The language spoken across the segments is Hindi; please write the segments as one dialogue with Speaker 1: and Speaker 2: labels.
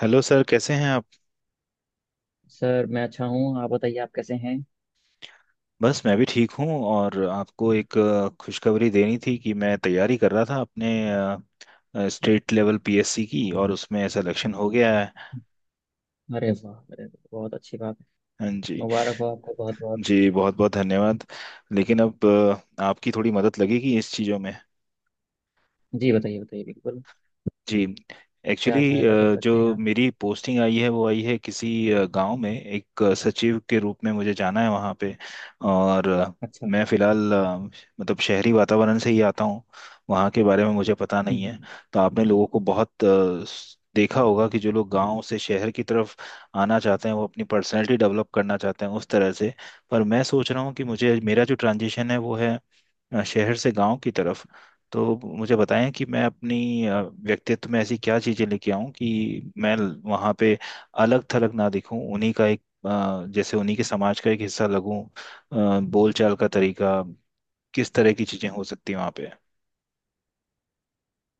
Speaker 1: हेलो सर, कैसे हैं आप।
Speaker 2: सर मैं अच्छा हूँ। आप बताइए आप कैसे हैं।
Speaker 1: बस मैं भी ठीक हूँ और आपको एक खुशखबरी देनी थी कि मैं तैयारी कर रहा था अपने स्टेट लेवल पीएससी की, और उसमें सिलेक्शन हो गया है।
Speaker 2: अरे वाह, बहुत अच्छी बात है।
Speaker 1: हाँ जी।
Speaker 2: मुबारक हो आपको बहुत बहुत।
Speaker 1: जी बहुत बहुत धन्यवाद। लेकिन अब आपकी थोड़ी मदद लगेगी इस चीज़ों में।
Speaker 2: जी बताइए बताइए बिल्कुल।
Speaker 1: जी। एक्चुअली
Speaker 2: क्या सहायता कर
Speaker 1: जो
Speaker 2: सकते हैं आप।
Speaker 1: मेरी पोस्टिंग आई है वो आई है किसी गांव में, एक सचिव के रूप में मुझे जाना है वहाँ पे। और
Speaker 2: अच्छा। हम्म।
Speaker 1: मैं फिलहाल मतलब शहरी वातावरण से ही आता हूँ। वहाँ के बारे में मुझे पता नहीं
Speaker 2: हम्म।
Speaker 1: है। तो आपने लोगों को बहुत देखा होगा कि जो लोग गांव से शहर की तरफ आना चाहते हैं वो अपनी पर्सनैलिटी डेवलप करना चाहते हैं उस तरह से। पर मैं सोच रहा हूँ कि मुझे मेरा जो ट्रांजिशन है वो है शहर से गांव की तरफ। तो मुझे बताएं कि मैं अपनी व्यक्तित्व में ऐसी क्या चीजें लेके आऊं कि मैं वहां पे अलग थलग ना दिखूं, उन्हीं का एक, जैसे उन्हीं के समाज का एक हिस्सा लगूं। बोलचाल का तरीका, किस तरह की चीजें हो सकती हैं वहां पे।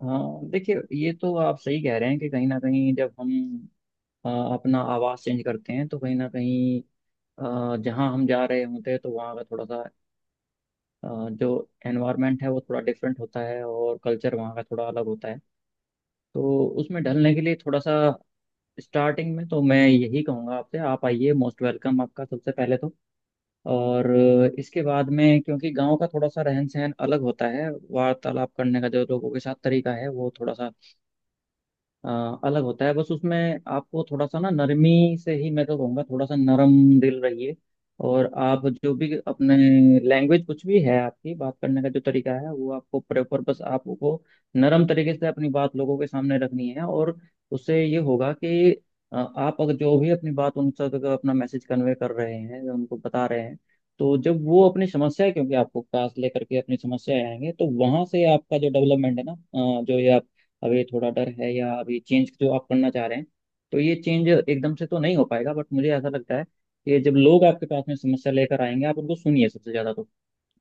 Speaker 2: हाँ देखिए ये तो आप सही कह रहे हैं कि कहीं ना कहीं जब हम अपना आवाज़ चेंज करते हैं तो कहीं ना कहीं जहाँ हम जा रहे होते हैं तो वहाँ का थोड़ा सा जो एनवायरनमेंट है वो थोड़ा डिफरेंट होता है और कल्चर वहाँ का थोड़ा अलग होता है। तो उसमें ढलने के लिए थोड़ा सा स्टार्टिंग में तो मैं यही कहूँगा आपसे। आप आइए मोस्ट वेलकम आपका सबसे पहले तो। और इसके बाद में क्योंकि गांव का थोड़ा सा रहन सहन अलग होता है। वार्तालाप करने का जो लोगों के साथ तरीका है वो थोड़ा सा अ, अलग होता है। बस उसमें आपको थोड़ा सा ना नरमी से ही मैं तो कहूँगा। थोड़ा सा नरम दिल रहिए। और आप जो भी अपने लैंग्वेज कुछ भी है आपकी बात करने का जो तरीका है वो आपको प्रॉपर बस आपको नरम तरीके से अपनी बात लोगों के सामने रखनी है। और उससे ये होगा कि आप अगर जो भी अपनी बात उन तक अपना मैसेज कन्वे कर रहे हैं या उनको बता रहे हैं तो जब वो अपनी समस्या क्योंकि आपको पास लेकर के अपनी समस्या आएंगे तो वहां से आपका जो डेवलपमेंट है ना जो ये आप अब ये थोड़ा डर है या अभी चेंज जो आप करना चाह रहे हैं तो ये चेंज एकदम से तो नहीं हो पाएगा। बट मुझे ऐसा लगता है कि जब लोग आपके पास में समस्या लेकर आएंगे आप उनको सुनिए सबसे ज्यादा। तो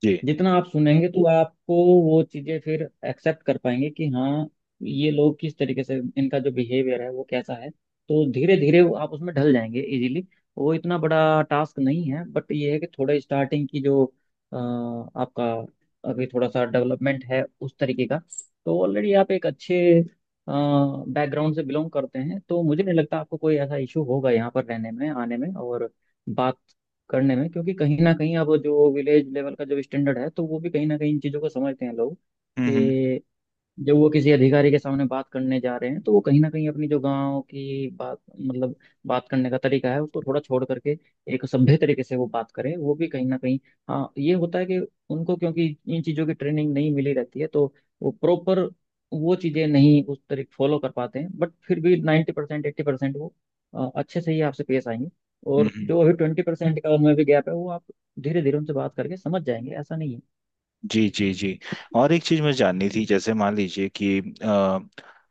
Speaker 1: जी।
Speaker 2: जितना आप सुनेंगे तो आपको वो चीजें फिर एक्सेप्ट कर पाएंगे कि हाँ ये लोग किस तरीके से इनका जो बिहेवियर है वो कैसा है। तो धीरे धीरे आप उसमें ढल जाएंगे इजीली। वो इतना बड़ा टास्क नहीं है। बट ये है कि थोड़ा स्टार्टिंग की जो अ, आपका अभी थोड़ा सा डेवलपमेंट है उस तरीके का। तो ऑलरेडी आप एक अच्छे बैकग्राउंड से बिलोंग करते हैं तो मुझे नहीं लगता आपको कोई ऐसा इशू होगा यहाँ पर रहने में आने में और बात करने में। क्योंकि कहीं ना कहीं अब जो विलेज लेवल का जो स्टैंडर्ड है तो वो भी कहीं ना कहीं इन चीज़ों को समझते हैं लोग
Speaker 1: हम्म। हम्म।
Speaker 2: कि जब वो किसी अधिकारी के सामने बात करने जा रहे हैं तो वो कहीं ना कहीं अपनी जो गांव की बात मतलब बात करने का तरीका है उसको थोड़ा छोड़ करके एक सभ्य तरीके से वो बात करें। वो भी कहीं ना कहीं हाँ ये होता है कि उनको क्योंकि इन चीज़ों की ट्रेनिंग नहीं मिली रहती है तो वो प्रॉपर वो चीज़ें नहीं उस तरीके फॉलो कर पाते हैं। बट फिर भी 90% 80% वो अच्छे से ही आपसे पेश आएंगे। और
Speaker 1: हम्म।
Speaker 2: जो अभी 20% का उनमें भी गैप है वो आप धीरे धीरे उनसे बात करके समझ जाएंगे। ऐसा नहीं है।
Speaker 1: जी जी जी। और एक चीज़ मुझे जाननी थी। जैसे मान लीजिए कि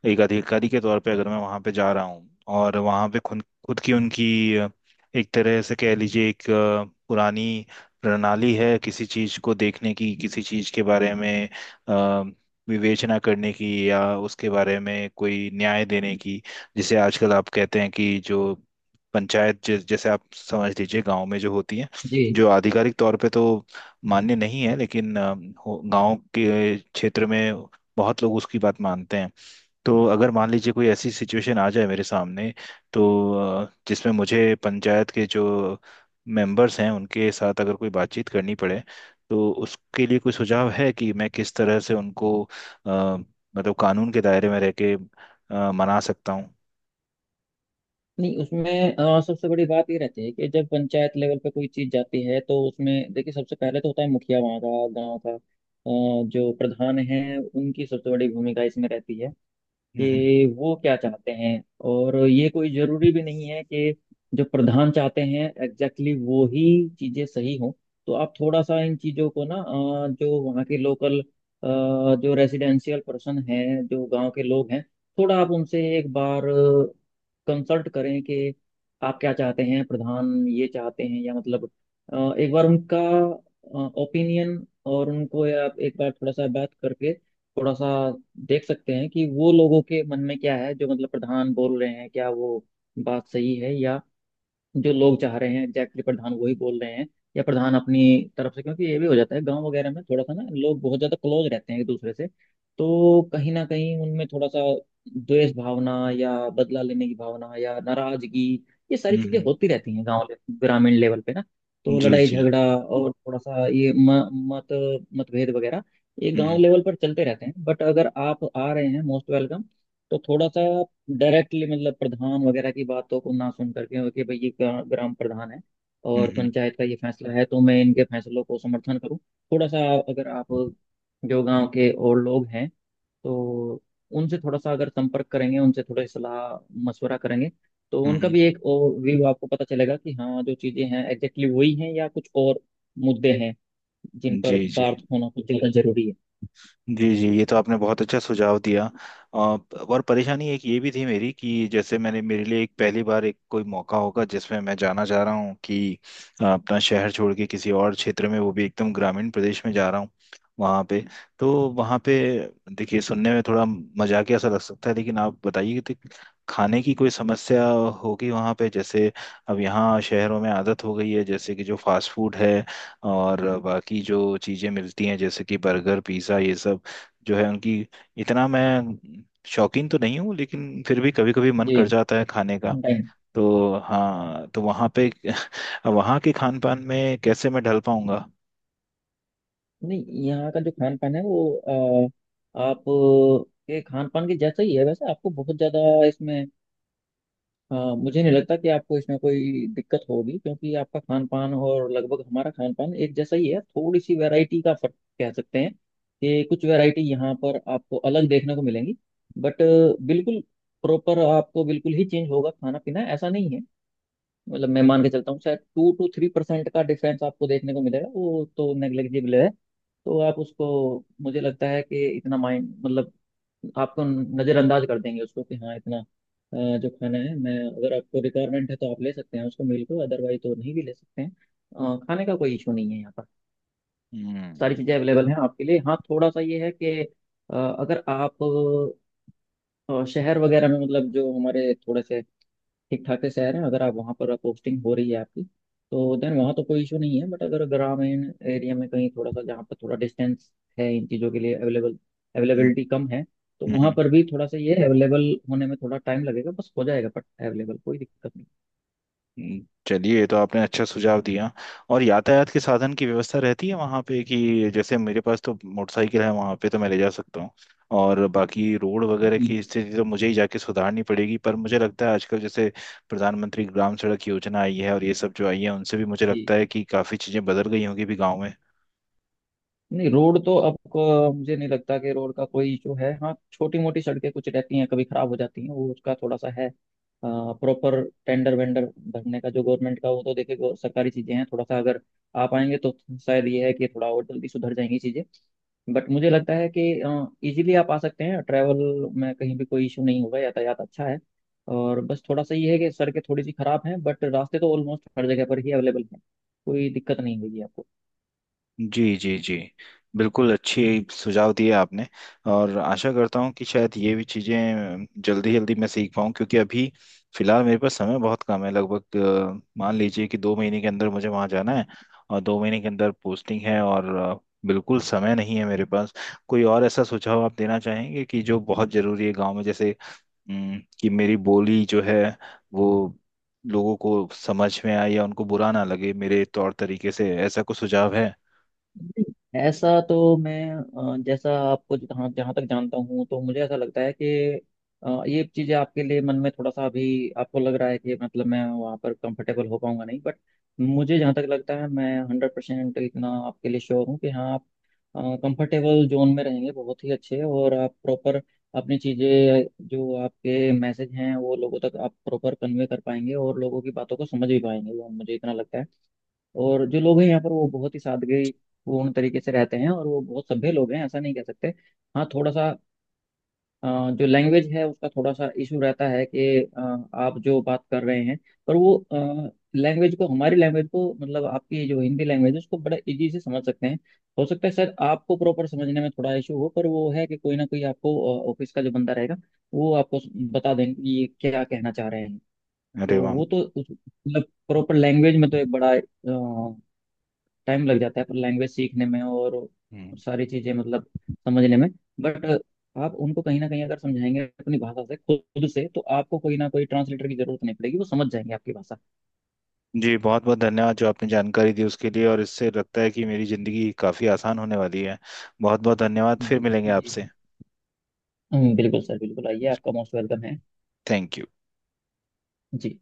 Speaker 1: एक अधिकारी के तौर पे अगर मैं वहाँ पे जा रहा हूँ और वहाँ पे खुद खुद की उनकी एक तरह से कह लीजिए, एक पुरानी प्रणाली है किसी चीज़ को देखने की, किसी चीज़ के बारे में अ, विवेचना करने की, या उसके बारे में कोई न्याय देने की, जिसे आजकल आप कहते हैं कि जो पंचायत जैसे आप समझ लीजिए गांव में जो होती है,
Speaker 2: जी
Speaker 1: जो आधिकारिक तौर पे तो मान्य नहीं है लेकिन गांव के क्षेत्र में बहुत लोग उसकी बात मानते हैं। तो अगर मान लीजिए कोई ऐसी सिचुएशन आ जाए मेरे सामने, तो जिसमें मुझे पंचायत के जो मेंबर्स हैं उनके साथ अगर कोई बातचीत करनी पड़े, तो उसके लिए कोई सुझाव है कि मैं किस तरह से उनको मतलब कानून के दायरे में रह के मना सकता हूँ।
Speaker 2: नहीं उसमें सबसे बड़ी बात ये रहती है कि जब पंचायत लेवल पे कोई चीज जाती है तो उसमें देखिए सबसे पहले तो होता है मुखिया वहाँ का गाँव का जो प्रधान है उनकी सबसे बड़ी भूमिका इसमें रहती है
Speaker 1: हम्म।
Speaker 2: कि वो क्या चाहते हैं। और ये कोई जरूरी भी नहीं है कि जो प्रधान चाहते हैं एग्जैक्टली exactly वो ही चीजें सही हों। तो आप थोड़ा सा इन चीजों को ना जो वहाँ के लोकल जो रेजिडेंशियल पर्सन हैं जो गांव के लोग हैं थोड़ा आप उनसे एक बार कंसल्ट करें कि आप क्या चाहते हैं। प्रधान ये चाहते हैं या मतलब एक बार उनका ओपिनियन और उनको आप एक बार थोड़ा सा बात करके थोड़ा सा देख सकते हैं कि वो लोगों के मन में क्या है। जो मतलब प्रधान बोल रहे हैं क्या वो बात सही है या जो लोग चाह रहे हैं एग्जैक्टली प्रधान वही बोल रहे हैं या प्रधान अपनी तरफ से। क्योंकि ये भी हो जाता है गांव वगैरह में थोड़ा सा ना लोग बहुत ज्यादा क्लोज रहते हैं एक दूसरे से। तो कहीं ना कहीं उनमें थोड़ा सा द्वेष भावना या बदला लेने की भावना या नाराजगी ये सारी
Speaker 1: हम्म।
Speaker 2: चीजें होती रहती हैं गांव ग्रामीण लेवल पे ना। तो
Speaker 1: जी
Speaker 2: लड़ाई
Speaker 1: जी।
Speaker 2: झगड़ा और थोड़ा सा ये मत मतभेद वगैरह ये
Speaker 1: हम्म।
Speaker 2: गांव लेवल पर चलते रहते हैं। बट अगर आप आ रहे हैं मोस्ट वेलकम। तो थोड़ा सा डायरेक्टली मतलब प्रधान वगैरह की बातों को ना सुन करके कि भाई ये ग्राम प्रधान है और
Speaker 1: हम्म।
Speaker 2: पंचायत का ये फैसला है तो मैं इनके फैसलों को समर्थन करूं। थोड़ा सा अगर आप जो गांव के और लोग हैं तो उनसे थोड़ा सा अगर संपर्क करेंगे उनसे थोड़ा सलाह मशवरा करेंगे तो
Speaker 1: हम्म।
Speaker 2: उनका भी एक और व्यू आपको पता चलेगा कि हाँ जो चीज़ें हैं एग्जैक्टली वही हैं या कुछ और मुद्दे हैं जिन पर
Speaker 1: जी जी
Speaker 2: बात होना कुछ ज़्यादा जरूरी है।
Speaker 1: जी। जी ये तो आपने बहुत अच्छा सुझाव दिया। और परेशानी एक ये भी थी मेरी कि जैसे मैंने, मेरे लिए एक पहली बार एक कोई मौका होगा जिसमें मैं जाना चाह रहा हूँ कि अपना शहर छोड़ के किसी और क्षेत्र में, वो भी एकदम ग्रामीण प्रदेश में जा रहा हूँ वहाँ पे। तो वहाँ पे, देखिए सुनने में थोड़ा मजाकिया सा लग सकता है, लेकिन आप बताइए कि खाने की कोई समस्या होगी वहाँ पे। जैसे अब यहाँ शहरों में आदत हो गई है, जैसे कि जो फास्ट फूड है और बाकी जो चीज़ें मिलती हैं, जैसे कि बर्गर पिज़्ज़ा ये सब जो है उनकी, इतना मैं शौकीन तो नहीं हूँ लेकिन फिर भी कभी कभी मन कर जाता है खाने का।
Speaker 2: जी।
Speaker 1: तो हाँ, तो वहाँ पे वहाँ के खान पान में कैसे मैं ढल पाऊंगा।
Speaker 2: नहीं यहाँ का जो खान पान है वो आप के खान पान के जैसा ही है। वैसे आपको बहुत ज़्यादा इसमें मुझे नहीं लगता कि आपको इसमें कोई दिक्कत होगी। क्योंकि आपका खान पान और लगभग हमारा खान पान एक जैसा ही है। थोड़ी सी वैरायटी का फर्क कह सकते हैं कि कुछ वैरायटी यहाँ पर आपको अलग देखने को मिलेंगी। बट बिल्कुल प्रॉपर आपको बिल्कुल ही चेंज होगा खाना पीना ऐसा नहीं है। मतलब मैं मान के चलता हूँ शायद 2 to 3% का डिफरेंस आपको देखने को मिलेगा। वो तो नेग्लिजिबल है। तो आप उसको मुझे लगता है कि इतना माइंड मतलब आपको नज़रअंदाज कर देंगे उसको कि हाँ इतना जो खाना है मैं अगर आपको रिक्वायरमेंट है तो आप ले सकते हैं उसको मील को। अदरवाइज तो नहीं भी ले सकते हैं। खाने का कोई इशू नहीं है यहाँ पर।
Speaker 1: हम्म।
Speaker 2: सारी
Speaker 1: हम्म।
Speaker 2: चीज़ें अवेलेबल हैं आपके लिए। हाँ थोड़ा सा ये है कि अ, अगर आप शहर वगैरह में मतलब जो हमारे थोड़े से ठीक ठाक से शहर है अगर आप वहाँ पर पोस्टिंग हो रही है आपकी तो देन वहाँ तो कोई इशू नहीं है। बट अगर ग्रामीण एरिया में कहीं थोड़ा सा जहाँ पर थोड़ा डिस्टेंस है इन चीज़ों के लिए अवेलेबल
Speaker 1: हम्म।
Speaker 2: अवेलेबिलिटी कम है तो वहाँ
Speaker 1: हम्म।
Speaker 2: पर भी थोड़ा सा ये अवेलेबल होने में थोड़ा टाइम लगेगा। बस हो जाएगा। बट अवेलेबल कोई दिक्कत
Speaker 1: चलिए ये तो आपने अच्छा सुझाव दिया। और यातायात के साधन की व्यवस्था रहती है वहाँ पे कि जैसे मेरे पास तो मोटरसाइकिल है वहाँ पे तो मैं ले जा सकता हूँ। और बाकी रोड वगैरह
Speaker 2: नहीं।
Speaker 1: की स्थिति तो मुझे ही जाके सुधारनी पड़ेगी, पर मुझे लगता है आजकल जैसे प्रधानमंत्री ग्राम सड़क योजना आई है और ये सब जो आई है उनसे भी मुझे
Speaker 2: जी।
Speaker 1: लगता है कि काफ़ी चीज़ें बदल गई होंगी भी गाँव में।
Speaker 2: नहीं रोड तो अब मुझे नहीं लगता कि रोड का कोई इशू है। हाँ छोटी मोटी सड़कें कुछ रहती हैं कभी खराब हो जाती हैं वो उसका थोड़ा सा है। प्रॉपर टेंडर वेंडर भरने का जो गवर्नमेंट का वो तो देखे सरकारी चीजें हैं। थोड़ा सा अगर आप आएंगे तो शायद ये है कि थोड़ा और जल्दी सुधर जाएंगी चीजें। बट मुझे लगता है कि इजीली आप आ सकते हैं। ट्रैवल में कहीं भी कोई इशू नहीं होगा। यातायात अच्छा है। और बस थोड़ा सा ये है कि सड़कें थोड़ी सी खराब हैं बट रास्ते तो ऑलमोस्ट हर जगह पर ही अवेलेबल हैं। कोई दिक्कत नहीं होगी आपको।
Speaker 1: जी जी जी। बिल्कुल अच्छी सुझाव दिए आपने। और आशा करता हूँ कि शायद ये भी चीज़ें जल्दी जल्दी मैं सीख पाऊँ, क्योंकि अभी फिलहाल मेरे पास समय बहुत कम है। लगभग मान लीजिए कि 2 महीने के अंदर मुझे वहाँ जाना है। और 2 महीने के अंदर पोस्टिंग है और बिल्कुल समय नहीं है मेरे पास। कोई और ऐसा सुझाव आप देना चाहेंगे कि जो बहुत ज़रूरी है गांव में, जैसे कि मेरी बोली जो है वो लोगों को समझ में आए, या उनको बुरा ना लगे मेरे तौर तरीके से, ऐसा कुछ सुझाव है।
Speaker 2: नहीं, ऐसा तो मैं जैसा आपको जहाँ जहाँ तक जानता हूँ तो मुझे ऐसा लगता है कि ये चीज़ें आपके लिए मन में थोड़ा सा अभी आपको लग रहा है कि मतलब मैं वहाँ पर कंफर्टेबल हो पाऊंगा नहीं। बट मुझे जहाँ तक लगता है मैं 100% इतना आपके लिए श्योर हूँ कि हाँ आप कंफर्टेबल जोन में रहेंगे बहुत ही अच्छे। और आप प्रॉपर अपनी चीज़ें जो आपके मैसेज हैं वो लोगों तक आप प्रॉपर कन्वे कर पाएंगे और लोगों की बातों को समझ भी पाएंगे वो मुझे इतना लगता है। और जो लोग हैं यहाँ पर वो बहुत ही सादगी पूर्ण तरीके से रहते हैं और वो बहुत सभ्य लोग हैं ऐसा नहीं कह सकते। हाँ थोड़ा सा जो लैंग्वेज है उसका थोड़ा सा इशू रहता है कि अ, आप जो बात कर रहे हैं पर वो लैंग्वेज को हमारी लैंग्वेज को मतलब आपकी जो हिंदी लैंग्वेज है उसको बड़ा इजी से समझ सकते हैं। हो सकता है सर आपको प्रॉपर समझने में थोड़ा इशू हो पर वो है कि कोई ना कोई आपको ऑफिस का जो बंदा रहेगा वो आपको बता देंगे कि ये क्या कहना चाह रहे हैं। तो
Speaker 1: अरे वाह।
Speaker 2: वो तो मतलब प्रॉपर लैंग्वेज में तो एक बड़ा टाइम लग जाता है पर लैंग्वेज सीखने में और
Speaker 1: हम्म।
Speaker 2: सारी चीजें मतलब समझने में। बट आप उनको कहीं ना कहीं अगर समझाएंगे अपनी भाषा से खुद से तो आपको कोई ना कोई ट्रांसलेटर की जरूरत नहीं पड़ेगी। वो समझ जाएंगे आपकी भाषा।
Speaker 1: जी बहुत बहुत धन्यवाद जो आपने जानकारी दी उसके लिए, और इससे लगता है कि मेरी ज़िंदगी काफ़ी आसान होने वाली है। बहुत बहुत धन्यवाद,
Speaker 2: हम्म,
Speaker 1: फिर मिलेंगे
Speaker 2: जी
Speaker 1: आपसे।
Speaker 2: जी। बिल्कुल सर बिल्कुल आइए आपका मोस्ट वेलकम है।
Speaker 1: Thank you.
Speaker 2: जी।